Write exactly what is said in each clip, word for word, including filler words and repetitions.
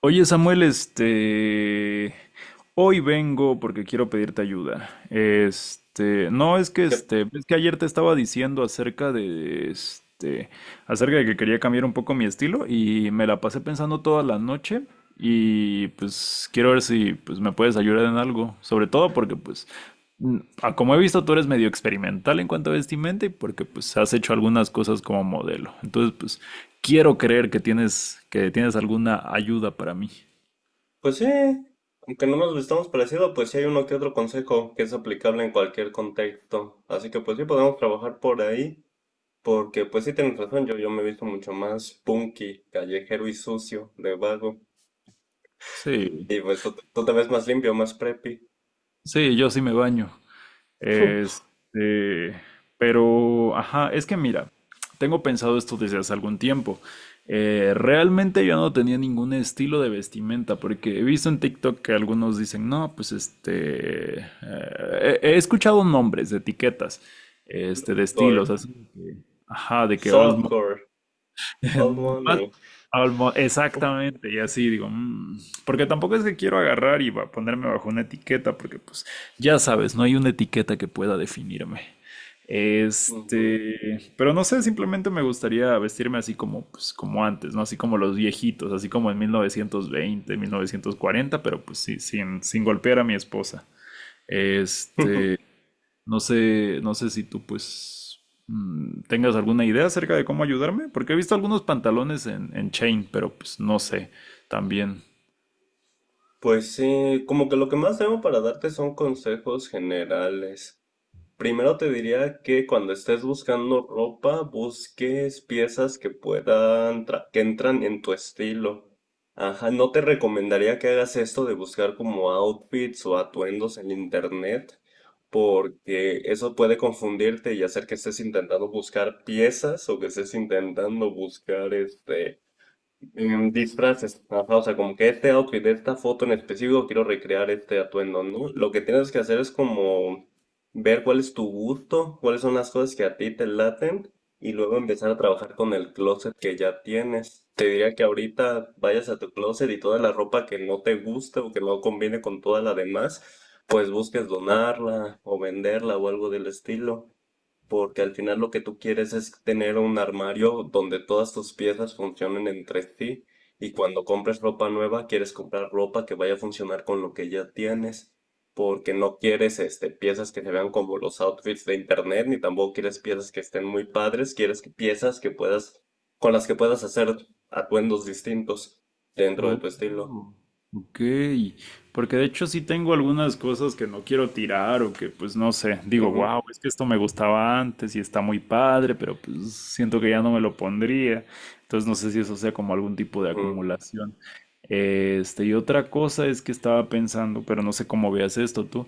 Oye, Samuel, este... hoy vengo porque quiero pedirte ayuda. Este, no es que Que, este, es que ayer te estaba diciendo acerca de este, acerca de que quería cambiar un poco mi estilo y me la pasé pensando toda la noche, y pues quiero ver si pues me puedes ayudar en algo, sobre todo porque pues mm, a como he visto tú eres medio experimental en cuanto a vestimenta y porque pues has hecho algunas cosas como modelo. Entonces, pues quiero creer que tienes que tienes alguna ayuda para mí. pues sí, aunque no nos vistamos parecido, pues sí hay uno que otro consejo que es aplicable en cualquier contexto. Así que pues sí podemos trabajar por ahí, porque pues sí tienes razón, yo, yo me he visto mucho más punky, callejero y sucio, de vago. Sí, Y pues tú, tú te ves más limpio, más preppy, sí, yo sí me baño. Este, pero, ajá, es que mira, tengo pensado esto desde hace algún tiempo. Eh, realmente yo no tenía ningún estilo de vestimenta, porque he visto en TikTok que algunos dicen, no, pues este, eh, he, he escuchado nombres de etiquetas, este, de core, estilos, así que, ajá, de que old, softcore, old Más- money. al mo- Exactamente, y así digo, "Mm", porque tampoco es que quiero agarrar y va- ponerme bajo una etiqueta, porque pues ya sabes, no hay una etiqueta que pueda definirme. Ujú. Este, pero no sé, simplemente me gustaría vestirme así como, pues, como antes, ¿no? Así como los viejitos, así como en mil novecientos veinte, mil novecientos cuarenta, pero pues sí, sin, sin golpear a mi esposa. Este, no sé, no sé si tú pues mm, tengas alguna idea acerca de cómo ayudarme, porque he visto algunos pantalones en, en chain, pero pues no sé también. Pues sí, como que lo que más tengo para darte son consejos generales. Primero te diría que cuando estés buscando ropa, busques piezas que puedan, tra- que entran en tu estilo. Ajá, no te recomendaría que hagas esto de buscar como outfits o atuendos en internet, porque eso puede confundirte y hacer que estés intentando buscar piezas o que estés intentando buscar este en disfraces, ajá, o sea, como que este outfit de esta foto en específico quiero recrear este atuendo, ¿no? Lo que tienes que hacer es como ver cuál es tu gusto, cuáles son las cosas que a ti te laten y luego empezar a trabajar con el closet que ya tienes. Te diría que ahorita vayas a tu closet y toda la ropa que no te guste o que no conviene con toda la demás, pues busques donarla o venderla o algo del estilo porque al final lo que tú quieres es tener un armario donde todas tus piezas funcionen entre sí y cuando compres ropa nueva quieres comprar ropa que vaya a funcionar con lo que ya tienes, porque no quieres este piezas que se vean como los outfits de internet ni tampoco quieres piezas que estén muy padres, quieres que- piezas que puedas con las que puedas hacer atuendos distintos dentro de tu estilo. Oh, ok. Porque de hecho sí tengo algunas cosas que no quiero tirar o que pues no sé, digo, Ujú, wow, es que esto me gustaba antes y está muy padre, pero pues siento que ya no me lo pondría. Entonces no sé si eso sea como algún tipo de ujú, acumulación. Este, y otra cosa es que estaba pensando, pero no sé cómo veas esto tú.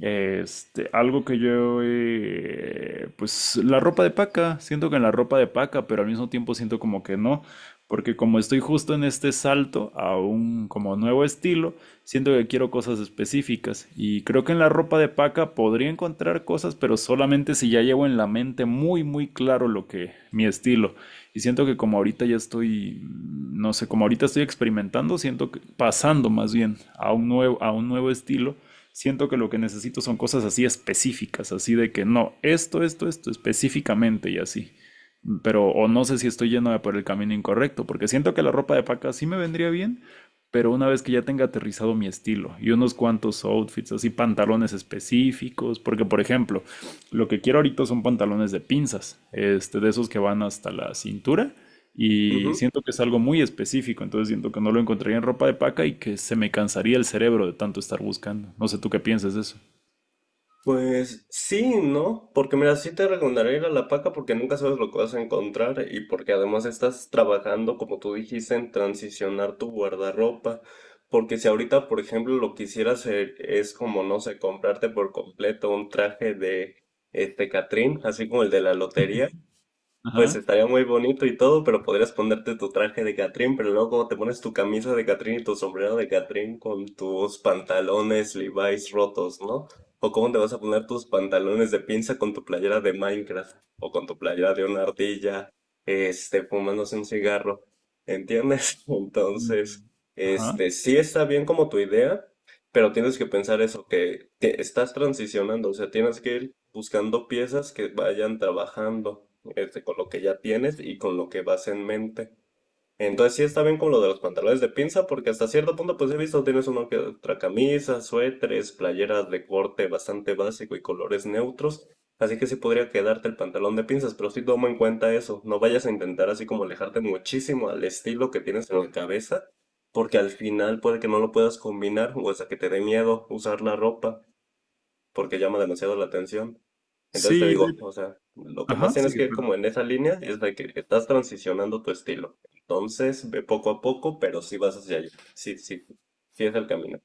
Este, algo que yo, eh, pues la ropa de paca, siento que en la ropa de paca, pero al mismo tiempo siento como que no, porque como estoy justo en este salto a un como nuevo estilo, siento que quiero cosas específicas y creo que en la ropa de paca podría encontrar cosas, pero solamente si ya llevo en la mente muy muy claro lo que mi estilo. Y siento que como ahorita ya estoy, no sé, como ahorita estoy experimentando, siento que pasando más bien a un nuevo a un nuevo estilo, siento que lo que necesito son cosas así específicas, así de que no, esto, esto, esto específicamente y así. Pero, o no sé si estoy yéndome por el camino incorrecto, porque siento que la ropa de paca sí me vendría bien, pero una vez que ya tenga aterrizado mi estilo y unos cuantos outfits, así pantalones específicos, porque por ejemplo, lo que quiero ahorita son pantalones de pinzas, este, de esos que van hasta la cintura, y ujú. siento que es algo muy específico, entonces siento que no lo encontraría en ropa de paca y que se me cansaría el cerebro de tanto estar buscando. No sé tú qué piensas de eso. Pues sí, ¿no? Porque mira, sí te recomendaría ir a La Paca porque nunca sabes lo que vas a encontrar y porque además estás trabajando, como tú dijiste, en transicionar tu guardarropa. Porque si ahorita, por ejemplo, lo que quisieras eh, es como, no sé, comprarte por completo un traje de este Catrín, así como el de la lotería, pues Ajá. estaría muy bonito y todo, pero podrías ponerte tu traje de Catrín, pero luego como te pones tu camisa de Catrín y tu sombrero de Catrín con tus pantalones Levi's rotos, ¿no? O cómo te vas a poner tus pantalones de pinza con tu playera de Minecraft o con tu playera de una ardilla, este, fumándose un cigarro, ¿entiendes? Entonces, Mm. Ajá. este, sí está bien como tu idea, pero tienes que pensar eso, que te- estás transicionando, o sea, tienes que ir buscando piezas que vayan trabajando, este, con lo que ya tienes y con lo que vas en mente. Entonces sí está bien como lo de los pantalones de pinza, porque hasta cierto punto pues he visto tienes uno que otra camisa, suéteres, playeras de corte bastante básico y colores neutros, así que sí podría quedarte el pantalón de pinzas, pero sí toma en cuenta eso, no vayas a intentar así como alejarte muchísimo al estilo que tienes en la cabeza, porque al final puede que no lo puedas combinar o hasta que te dé miedo usar la ropa porque llama demasiado la atención. Entonces te Sí, digo, de- o sea, lo que más ajá, tienes sigue, que ir como perdón. en esa línea es de que estás transicionando tu estilo. Entonces, ve poco a poco, pero sí vas hacia allá. Sí, sí, sí es el camino.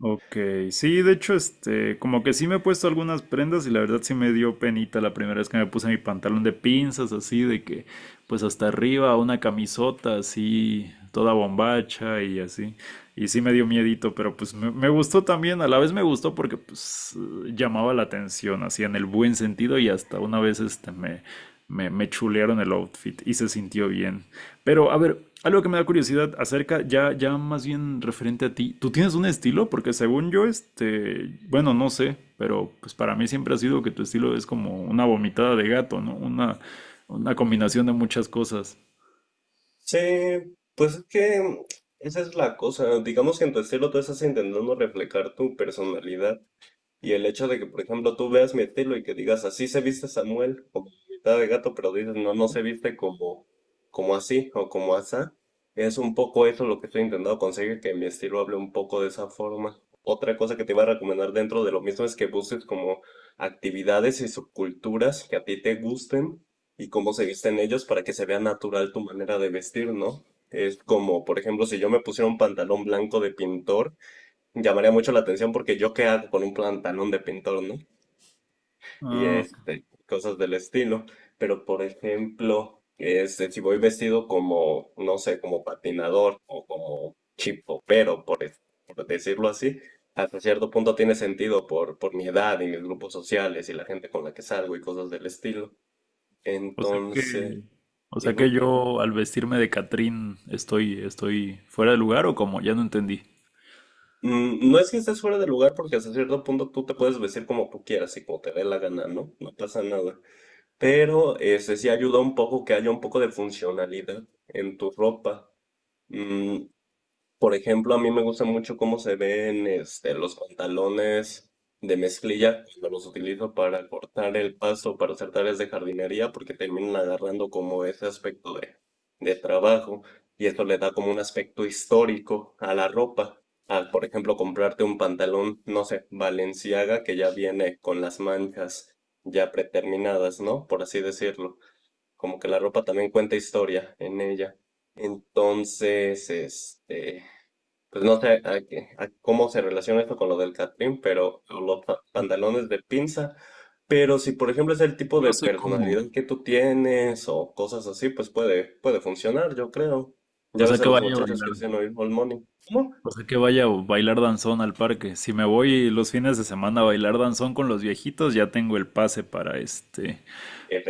Ok, sí, de hecho, este, como que sí me he puesto algunas prendas y la verdad sí me dio penita la primera vez que me puse mi pantalón de pinzas, así de que, pues hasta arriba, una camisota así, toda bombacha y así. Y sí me dio miedito, pero pues me, me gustó también, a la vez me gustó porque pues eh, llamaba la atención, así en el buen sentido, y hasta una vez este me, me, me chulearon el outfit y se sintió bien. Pero, a ver, algo que me da curiosidad acerca, ya, ya más bien referente a ti, ¿tú tienes un estilo? Porque según yo, este, bueno, no sé, pero pues para mí siempre ha sido que tu estilo es como una vomitada de gato, ¿no? Una, una combinación de muchas cosas. Sí, pues es que esa es la cosa. Digamos que en tu estilo tú estás intentando reflejar tu personalidad. Y el hecho de que, por ejemplo, tú veas mi estilo y que digas, así se viste Samuel, como mitad de gato, pero dices, no, no se viste como, como así o como asá, es un poco eso lo que estoy intentando conseguir, que mi estilo hable un poco de esa forma. Otra cosa que te iba a recomendar dentro de lo mismo es que busques como actividades y subculturas que a ti te gusten y cómo se visten ellos para que se vea natural tu manera de vestir, ¿no? Es como, por ejemplo, si yo me pusiera un pantalón blanco de pintor, llamaría mucho la atención porque yo qué hago con un pantalón de pintor, ¿no? Y Ah, este, cosas del estilo. Pero por ejemplo, este, si voy vestido como, no sé, como patinador o como chipopero, por, es- por decirlo así, hasta cierto punto tiene sentido por, por mi edad y mis grupos sociales y la gente con la que salgo y cosas del estilo. o sea Entonces, que, o sea que ujú. yo al vestirme de Catrín estoy, estoy fuera de lugar o como, ya no entendí. Mm, no es que estés fuera de lugar porque hasta cierto punto tú te puedes vestir como tú quieras y como te dé la gana, ¿no? No pasa nada. Pero este sí ayuda un poco que haya un poco de funcionalidad en tu ropa. Mm, por ejemplo, a mí me gusta mucho cómo se ven este, los pantalones de mezclilla cuando los utilizo para cortar el pasto, para hacer tareas de jardinería, porque terminan agarrando como ese aspecto de, de trabajo y esto le da como un aspecto histórico a la ropa. Al, por ejemplo, comprarte un pantalón, no sé, Balenciaga, que ya viene con las manchas ya preterminadas, ¿no? Por así decirlo. Como que la ropa también cuenta historia en ella. Entonces, este... Pues no sé a qué- a cómo se relaciona esto con lo del catrín, pero o los pa- pantalones de pinza. Pero si, por ejemplo, es el tipo de Yo sé cómo. personalidad que tú tienes o cosas así, pues puede, puede funcionar, yo creo. Ya O sea ves a que los vaya a muchachos que bailar. dicen oír All Money. ¿Cómo? O sea que vaya a bailar danzón al parque. Si me voy los fines de semana a bailar danzón con los viejitos, ya tengo el pase para este,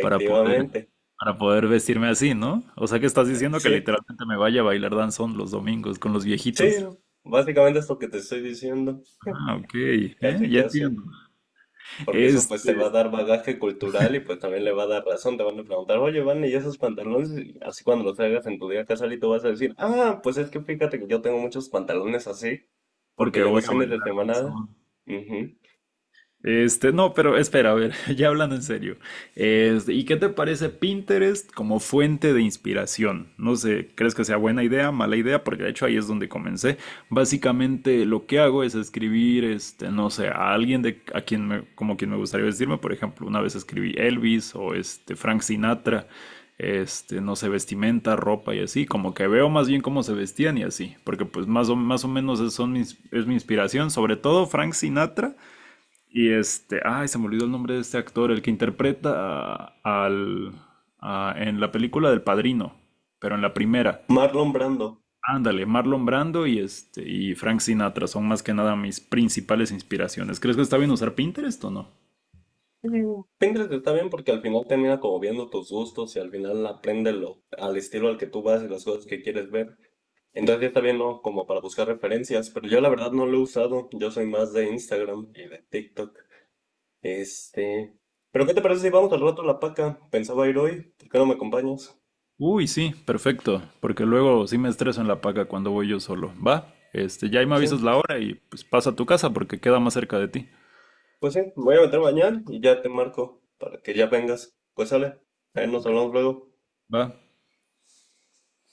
para poder, para poder vestirme así, ¿no? O sea que estás diciendo que Sí, literalmente me vaya a bailar danzón los domingos con los sí, viejitos. básicamente es lo que te estoy diciendo. Ah, ok, eh, Casi, ya casi. entiendo. Porque eso pues te va a Este, dar bagaje cultural y pues también le va a dar razón. Te van a preguntar, oye, Van, ¿y esos pantalones? Y así cuando los hagas en tu día casual y tú vas a decir, ah, pues es que fíjate que yo tengo muchos pantalones así, porque Porque yo voy los a fines de bailar semana... danzón. Ujú. Este, no, pero espera, a ver, ya hablando en serio. Este, ¿y qué te parece Pinterest como fuente de inspiración? No sé, ¿crees que sea buena idea, mala idea? Porque de hecho ahí es donde comencé. Básicamente lo que hago es escribir, este, no sé, a alguien de a quien me, como quien me gustaría vestirme. Por ejemplo, una vez escribí Elvis o este Frank Sinatra, este, no sé, vestimenta, ropa y así. Como que veo más bien cómo se vestían y así, porque pues más o más o menos es, son mis- es mi inspiración, sobre todo Frank Sinatra. Y este, ay, se me olvidó el nombre de este actor, el que interpreta a- al, a- en la película del Padrino, pero en la primera. Marlon Brando. Ándale, Marlon Brando y este y Frank Sinatra son más que nada mis principales inspiraciones. ¿Crees que está bien usar Pinterest o no? Mm, Pinterest está bien porque al final termina como viendo tus gustos y al final aprende lo, al estilo al que tú vas y las cosas que quieres ver. Entonces ya está bien, ¿no? Como para buscar referencias, pero yo la verdad no lo he usado. Yo soy más de Instagram y de TikTok. Este. Pero ¿qué te parece si vamos al rato a la paca? Pensaba ir hoy, ¿por qué no me acompañas? Uy, sí, perfecto, porque luego sí me estreso en la paga cuando voy yo solo. Va, este, ya ahí me avisas Sí, la hora y pues pasa a tu casa porque queda más cerca de ti. pues sí, me voy a meter mañana y ya te marco para que ya vengas. Pues sale, ahí nos Ok, hablamos luego. va.